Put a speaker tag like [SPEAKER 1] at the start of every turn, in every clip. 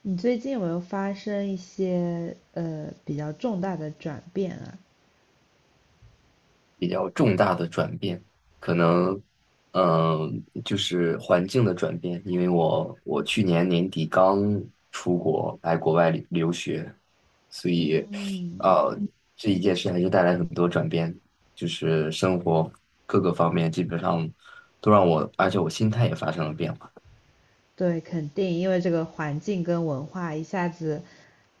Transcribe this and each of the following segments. [SPEAKER 1] 你最近有没有发生一些比较重大的转变啊？
[SPEAKER 2] 比较重大的转变，可能，就是环境的转变。因为我去年年底刚出国来国外留学，所以，
[SPEAKER 1] 嗯，
[SPEAKER 2] 呃，这一件事还是带来很多转变，就是生活各个方面基本上都让我，而且我心态也发生了变化。
[SPEAKER 1] 对，肯定，因为这个环境跟文化一下子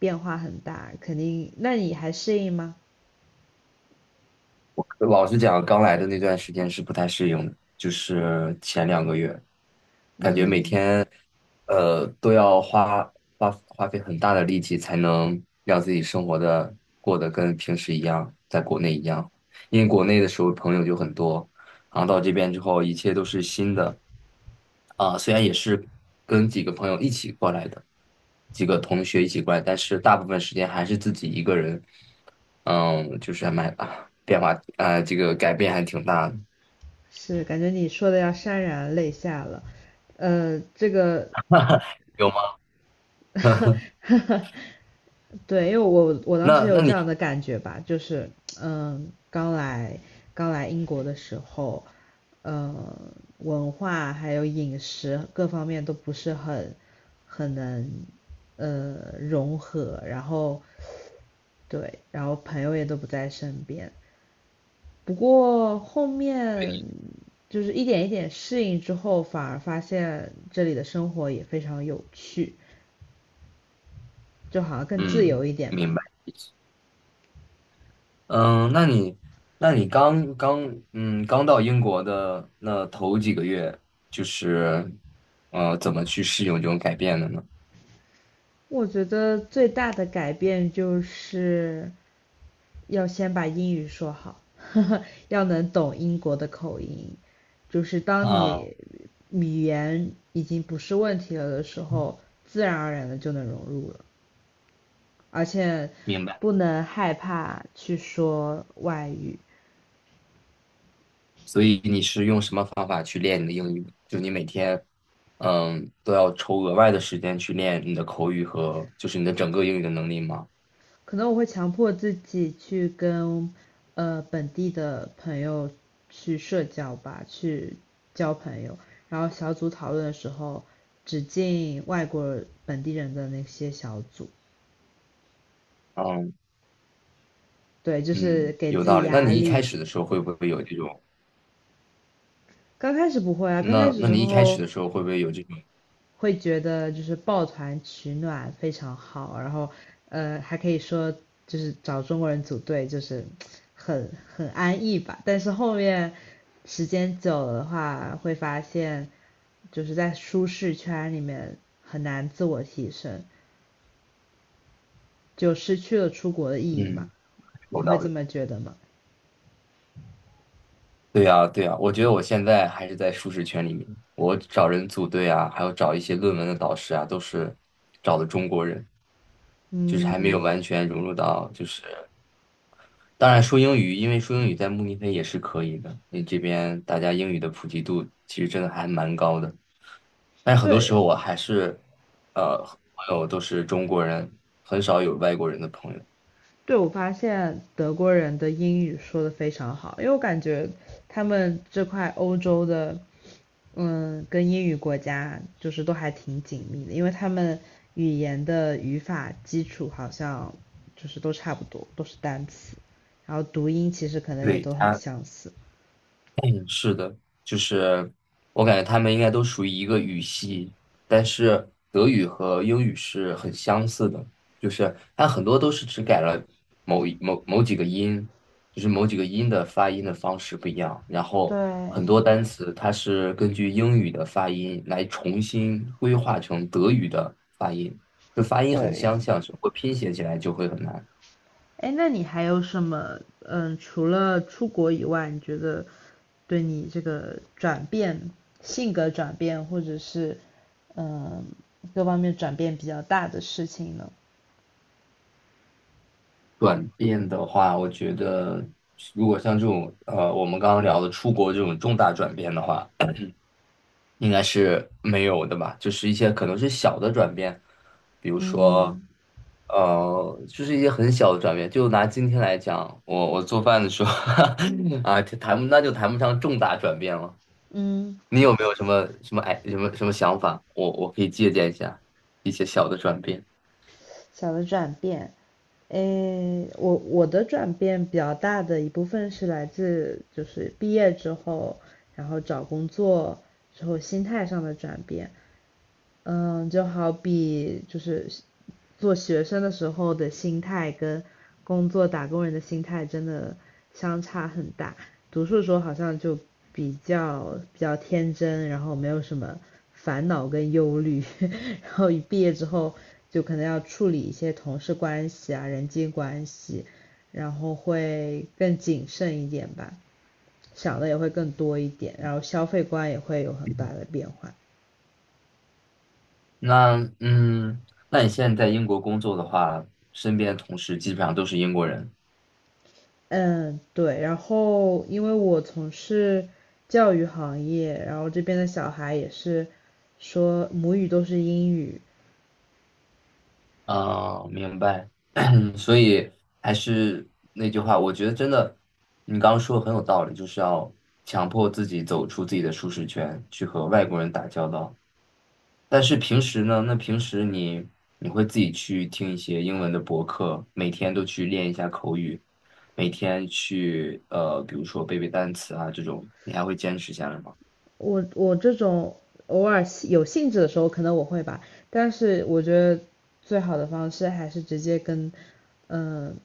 [SPEAKER 1] 变化很大，肯定。那你还适应吗？
[SPEAKER 2] 我老实讲，刚来的那段时间是不太适应的，就是前两个月，感觉每
[SPEAKER 1] 嗯，
[SPEAKER 2] 天，都要花花费很大的力气才能让自己生活的过得跟平时一样，在国内一样。因为国内的时候朋友就很多，然后到这边之后，一切都是新的。啊，虽然也是跟几个朋友一起过来的，几个同学一起过来，但是大部分时间还是自己一个人。嗯，就是还蛮 变化，这个改变还挺大的。
[SPEAKER 1] 是，感觉你说的要潸然泪下了。呃，这个，
[SPEAKER 2] 有吗？
[SPEAKER 1] 对，因为我当时
[SPEAKER 2] 那
[SPEAKER 1] 有
[SPEAKER 2] 那
[SPEAKER 1] 这
[SPEAKER 2] 你，
[SPEAKER 1] 样的感觉吧，就是嗯，刚来英国的时候，嗯，文化还有饮食各方面都不是很能融合，然后对，然后朋友也都不在身边。不过后面就是一点一点适应之后，反而发现这里的生活也非常有趣，就好像更自
[SPEAKER 2] 嗯，
[SPEAKER 1] 由一点吧。
[SPEAKER 2] 明白。嗯，那你，刚到英国的那头几个月，就是，怎么去适应这种改变的呢？
[SPEAKER 1] 我觉得最大的改变就是要先把英语说好，呵呵要能懂英国的口音。就是当
[SPEAKER 2] 啊，
[SPEAKER 1] 你语言已经不是问题了的时候，自然而然的就能融入了，而且
[SPEAKER 2] 明白。
[SPEAKER 1] 不能害怕去说外语，
[SPEAKER 2] 所以你是用什么方法去练你的英语的就你每天，嗯，都要抽额外的时间去练你的口语和就是你的整个英语的能力吗？
[SPEAKER 1] 可能我会强迫自己去跟本地的朋友去社交吧，去交朋友。然后小组讨论的时候，只进外国本地人的那些小组。
[SPEAKER 2] 嗯，
[SPEAKER 1] 对，就是
[SPEAKER 2] 嗯，
[SPEAKER 1] 给
[SPEAKER 2] 有
[SPEAKER 1] 自
[SPEAKER 2] 道
[SPEAKER 1] 己
[SPEAKER 2] 理。那
[SPEAKER 1] 压
[SPEAKER 2] 你一开
[SPEAKER 1] 力。
[SPEAKER 2] 始的时候会不会有这种？
[SPEAKER 1] 刚开始不会啊，刚开
[SPEAKER 2] 那
[SPEAKER 1] 始
[SPEAKER 2] 那
[SPEAKER 1] 时
[SPEAKER 2] 你一开始
[SPEAKER 1] 候
[SPEAKER 2] 的时候会不会有这种
[SPEAKER 1] 会觉得就是抱团取暖非常好，然后还可以说就是找中国人组队就是很安逸吧。但是后面时间久了的话，会发现就是在舒适圈里面很难自我提升，就失去了出国的意义嘛。
[SPEAKER 2] 嗯，
[SPEAKER 1] 你
[SPEAKER 2] 有
[SPEAKER 1] 会
[SPEAKER 2] 道
[SPEAKER 1] 这
[SPEAKER 2] 理？
[SPEAKER 1] 么觉得吗？
[SPEAKER 2] 对呀，对呀，我觉得我现在还是在舒适圈里面，我找人组队啊，还有找一些论文的导师啊，都是找的中国人。就是还没有完
[SPEAKER 1] 嗯，
[SPEAKER 2] 全融入到，就是当然说英语，因为说英语在慕尼黑也是可以的，因为这边大家英语的普及度其实真的还蛮高的，但是很多时
[SPEAKER 1] 对，
[SPEAKER 2] 候我还是呃朋友都是中国人，很少有外国人的朋友。
[SPEAKER 1] 对，我发现德国人的英语说的非常好，因为我感觉他们这块欧洲的，嗯，跟英语国家就是都还挺紧密的，因为他们语言的语法基础好像就是都差不多，都是单词，然后读音其实可能也
[SPEAKER 2] 对，
[SPEAKER 1] 都很
[SPEAKER 2] 他。
[SPEAKER 1] 相似。
[SPEAKER 2] 嗯，是的，就是我感觉他们应该都属于一个语系，但是德语和英语是很相似的，就是它很多都是只改了某几个音，就是某几个音的发音的方式不一样。然后很
[SPEAKER 1] 对，
[SPEAKER 2] 多单词它是根据英语的发音来重新规划成德语的发音，就发音很
[SPEAKER 1] 对，
[SPEAKER 2] 相像，只不过拼写起来就会很难。
[SPEAKER 1] 哎，那你还有什么？嗯，除了出国以外，你觉得对你这个转变、性格转变，或者是嗯各方面转变比较大的事情呢？
[SPEAKER 2] 转变的话，我觉得如果像这种我们刚刚聊的出国这种重大转变的话，应该是没有的吧？就是一些可能是小的转变，比如说，
[SPEAKER 1] 嗯
[SPEAKER 2] 就是一些很小的转变。就拿今天来讲，我做饭的时候 啊，就谈不上重大转变了。
[SPEAKER 1] 嗯，
[SPEAKER 2] 你有没有什么什么哎什么什么想法？我可以借鉴一下一些小的转变。
[SPEAKER 1] 小的转变，诶，我的转变比较大的一部分是来自就是毕业之后，然后找工作之后心态上的转变。嗯，就好比就是做学生的时候的心态跟工作打工人的心态真的相差很大。读书的时候好像就比较天真，然后没有什么烦恼跟忧虑，然后一毕业之后就可能要处理一些同事关系啊、人际关系，然后会更谨慎一点吧，想的也会更多一点，然后消费观也会有很大的变化。
[SPEAKER 2] 那嗯，那你现在在英国工作的话，身边的同事基本上都是英国人。
[SPEAKER 1] 嗯，对，然后因为我从事教育行业，然后这边的小孩也是说母语都是英语，
[SPEAKER 2] 啊，明白。所以还是那句话，我觉得真的，你刚刚说的很有道理，就是要强迫自己走出自己的舒适圈，去和外国人打交道。但是平时呢，那平时你会自己去听一些英文的博客，每天都去练一下口语，每天去比如说背单词啊这种，你还会坚持下来吗？
[SPEAKER 1] 我这种偶尔有兴致的时候可能我会吧，但是我觉得最好的方式还是直接跟嗯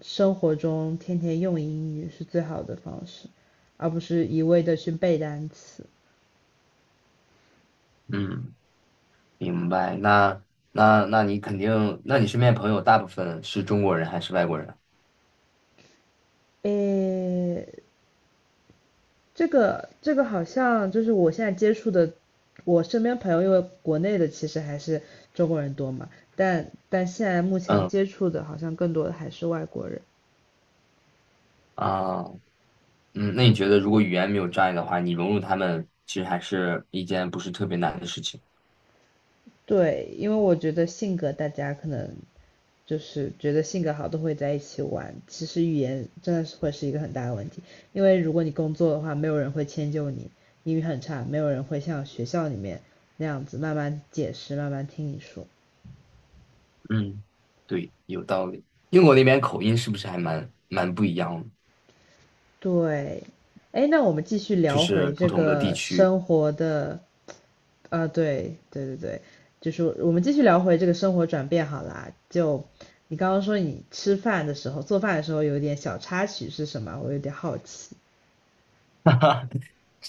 [SPEAKER 1] 生活中天天用英语是最好的方式，而不是一味的去背单词。
[SPEAKER 2] 嗯。明白。那那你肯定，那你身边朋友大部分是中国人还是外国人？
[SPEAKER 1] 诶，这个好像就是我现在接触的，我身边朋友，因为国内的其实还是中国人多嘛，但但现在目前
[SPEAKER 2] 嗯，
[SPEAKER 1] 接触的好像更多的还是外国人。
[SPEAKER 2] 啊，嗯，那你觉得如果语言没有障碍的话，你融入他们其实还是一件不是特别难的事情。
[SPEAKER 1] 对，因为我觉得性格大家可能就是觉得性格好都会在一起玩，其实语言真的是会是一个很大的问题，因为如果你工作的话，没有人会迁就你，英语很差，没有人会像学校里面那样子慢慢解释，慢慢听你说。
[SPEAKER 2] 嗯，对，有道理。英国那边口音是不是还蛮不一样的？
[SPEAKER 1] 对，哎，那我们继续
[SPEAKER 2] 就
[SPEAKER 1] 聊
[SPEAKER 2] 是
[SPEAKER 1] 回
[SPEAKER 2] 不
[SPEAKER 1] 这
[SPEAKER 2] 同的地
[SPEAKER 1] 个
[SPEAKER 2] 区。
[SPEAKER 1] 生活的，啊，对对对对，就是我们继续聊回这个生活转变好啦。就你刚刚说你吃饭的时候、做饭的时候有点小插曲是什么？我有点好奇。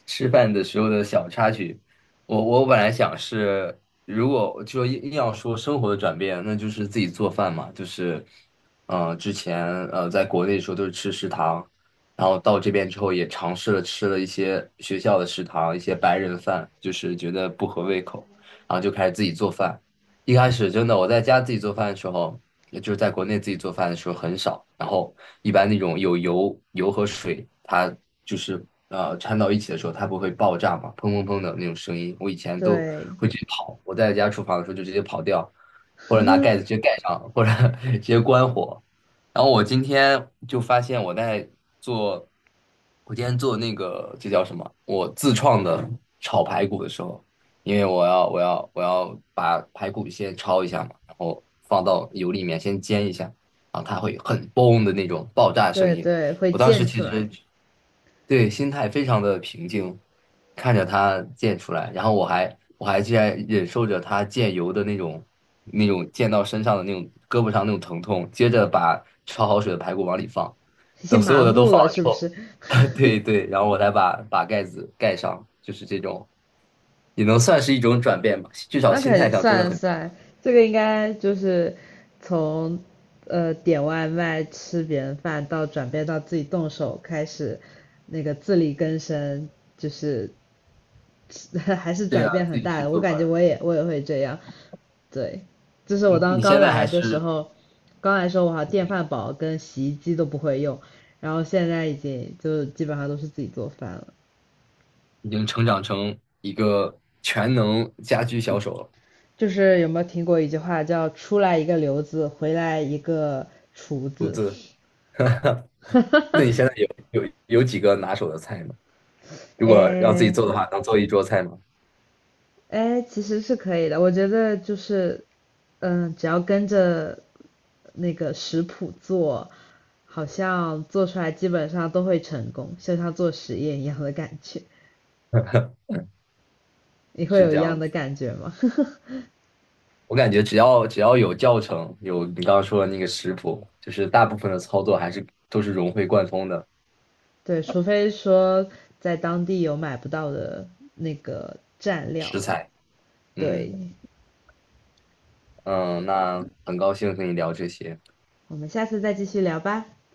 [SPEAKER 2] 吃饭的时候的小插曲，我本来想是，如果就硬要说生活的转变，那就是自己做饭嘛，就是，之前在国内的时候都是吃食堂，然后到这边之后也尝试了吃了一些学校的食堂，一些白人饭，就是觉得不合胃口，然后就开始自己做饭。一开始真的我在家自己做饭的时候，也就是在国内自己做饭的时候很少，然后一般那种有油和水，它就是掺到一起的时候，它不会爆炸嘛，砰砰砰的那种声音，我以前都
[SPEAKER 1] 对
[SPEAKER 2] 会直接跑，我在家厨房的时候就直接跑掉，或者拿盖子直接盖上，或者 直接关火。然后我今天就发现我在做，我今天做那个这叫什么？我自创的炒排骨的时候。因为我要把排骨先焯一下嘛，然后放到油里面先煎一下，然后它会很嘣的那种爆炸声
[SPEAKER 1] 对
[SPEAKER 2] 音。
[SPEAKER 1] 对，会
[SPEAKER 2] 我当时
[SPEAKER 1] 溅出
[SPEAKER 2] 其实
[SPEAKER 1] 来，
[SPEAKER 2] 对心态非常的平静，看着它溅出来，然后我还竟然忍受着它溅油的那种溅到身上的那种胳膊上那种疼痛，接着把焯好水的排骨往里放，
[SPEAKER 1] 已
[SPEAKER 2] 等
[SPEAKER 1] 经
[SPEAKER 2] 所有
[SPEAKER 1] 麻
[SPEAKER 2] 的都
[SPEAKER 1] 木
[SPEAKER 2] 放
[SPEAKER 1] 了
[SPEAKER 2] 了之
[SPEAKER 1] 是不
[SPEAKER 2] 后，
[SPEAKER 1] 是？
[SPEAKER 2] 对对，然后我再把盖子盖上，就是这种。也能算是一种转变吧，至少
[SPEAKER 1] 那
[SPEAKER 2] 心
[SPEAKER 1] 肯
[SPEAKER 2] 态
[SPEAKER 1] 定
[SPEAKER 2] 上真的
[SPEAKER 1] 算
[SPEAKER 2] 很。
[SPEAKER 1] 算，这个应该就是从点外卖吃别人饭到转变到自己动手开始，那个自力更生，就是 还是
[SPEAKER 2] 对
[SPEAKER 1] 转
[SPEAKER 2] 啊，
[SPEAKER 1] 变
[SPEAKER 2] 自
[SPEAKER 1] 很
[SPEAKER 2] 己
[SPEAKER 1] 大
[SPEAKER 2] 去
[SPEAKER 1] 的。我
[SPEAKER 2] 做
[SPEAKER 1] 感觉
[SPEAKER 2] 饭。
[SPEAKER 1] 我也会这样，对，就是我
[SPEAKER 2] 你
[SPEAKER 1] 当
[SPEAKER 2] 你
[SPEAKER 1] 刚
[SPEAKER 2] 现在还
[SPEAKER 1] 来的时
[SPEAKER 2] 是
[SPEAKER 1] 候，刚来的时候我好像电饭煲跟洗衣机都不会用，然后现在已经就基本上都是自己做饭了。
[SPEAKER 2] 已经成长成一个全能家居小手了，
[SPEAKER 1] 就是有没有听过一句话叫"出来一个刘子，回来一个厨
[SPEAKER 2] 独
[SPEAKER 1] 子"？
[SPEAKER 2] 自。那你现在 有几个拿手的菜吗？如果要自己
[SPEAKER 1] 哎
[SPEAKER 2] 做的话，能做一桌菜吗？
[SPEAKER 1] 哎，其实是可以的。我觉得就是，嗯，只要跟着那个食谱做，好像做出来基本上都会成功，就像做实验一样的感觉。你会
[SPEAKER 2] 是
[SPEAKER 1] 有
[SPEAKER 2] 这
[SPEAKER 1] 一
[SPEAKER 2] 样
[SPEAKER 1] 样
[SPEAKER 2] 的，
[SPEAKER 1] 的感觉吗？
[SPEAKER 2] 我感觉只要有教程，有你刚刚说的那个食谱，就是大部分的操作还是都是融会贯通的
[SPEAKER 1] 对，除非说在当地有买不到的那个蘸料。
[SPEAKER 2] 食材。嗯，
[SPEAKER 1] 对，
[SPEAKER 2] 嗯，那很高兴和你聊这些。
[SPEAKER 1] 我们下次再继续聊吧。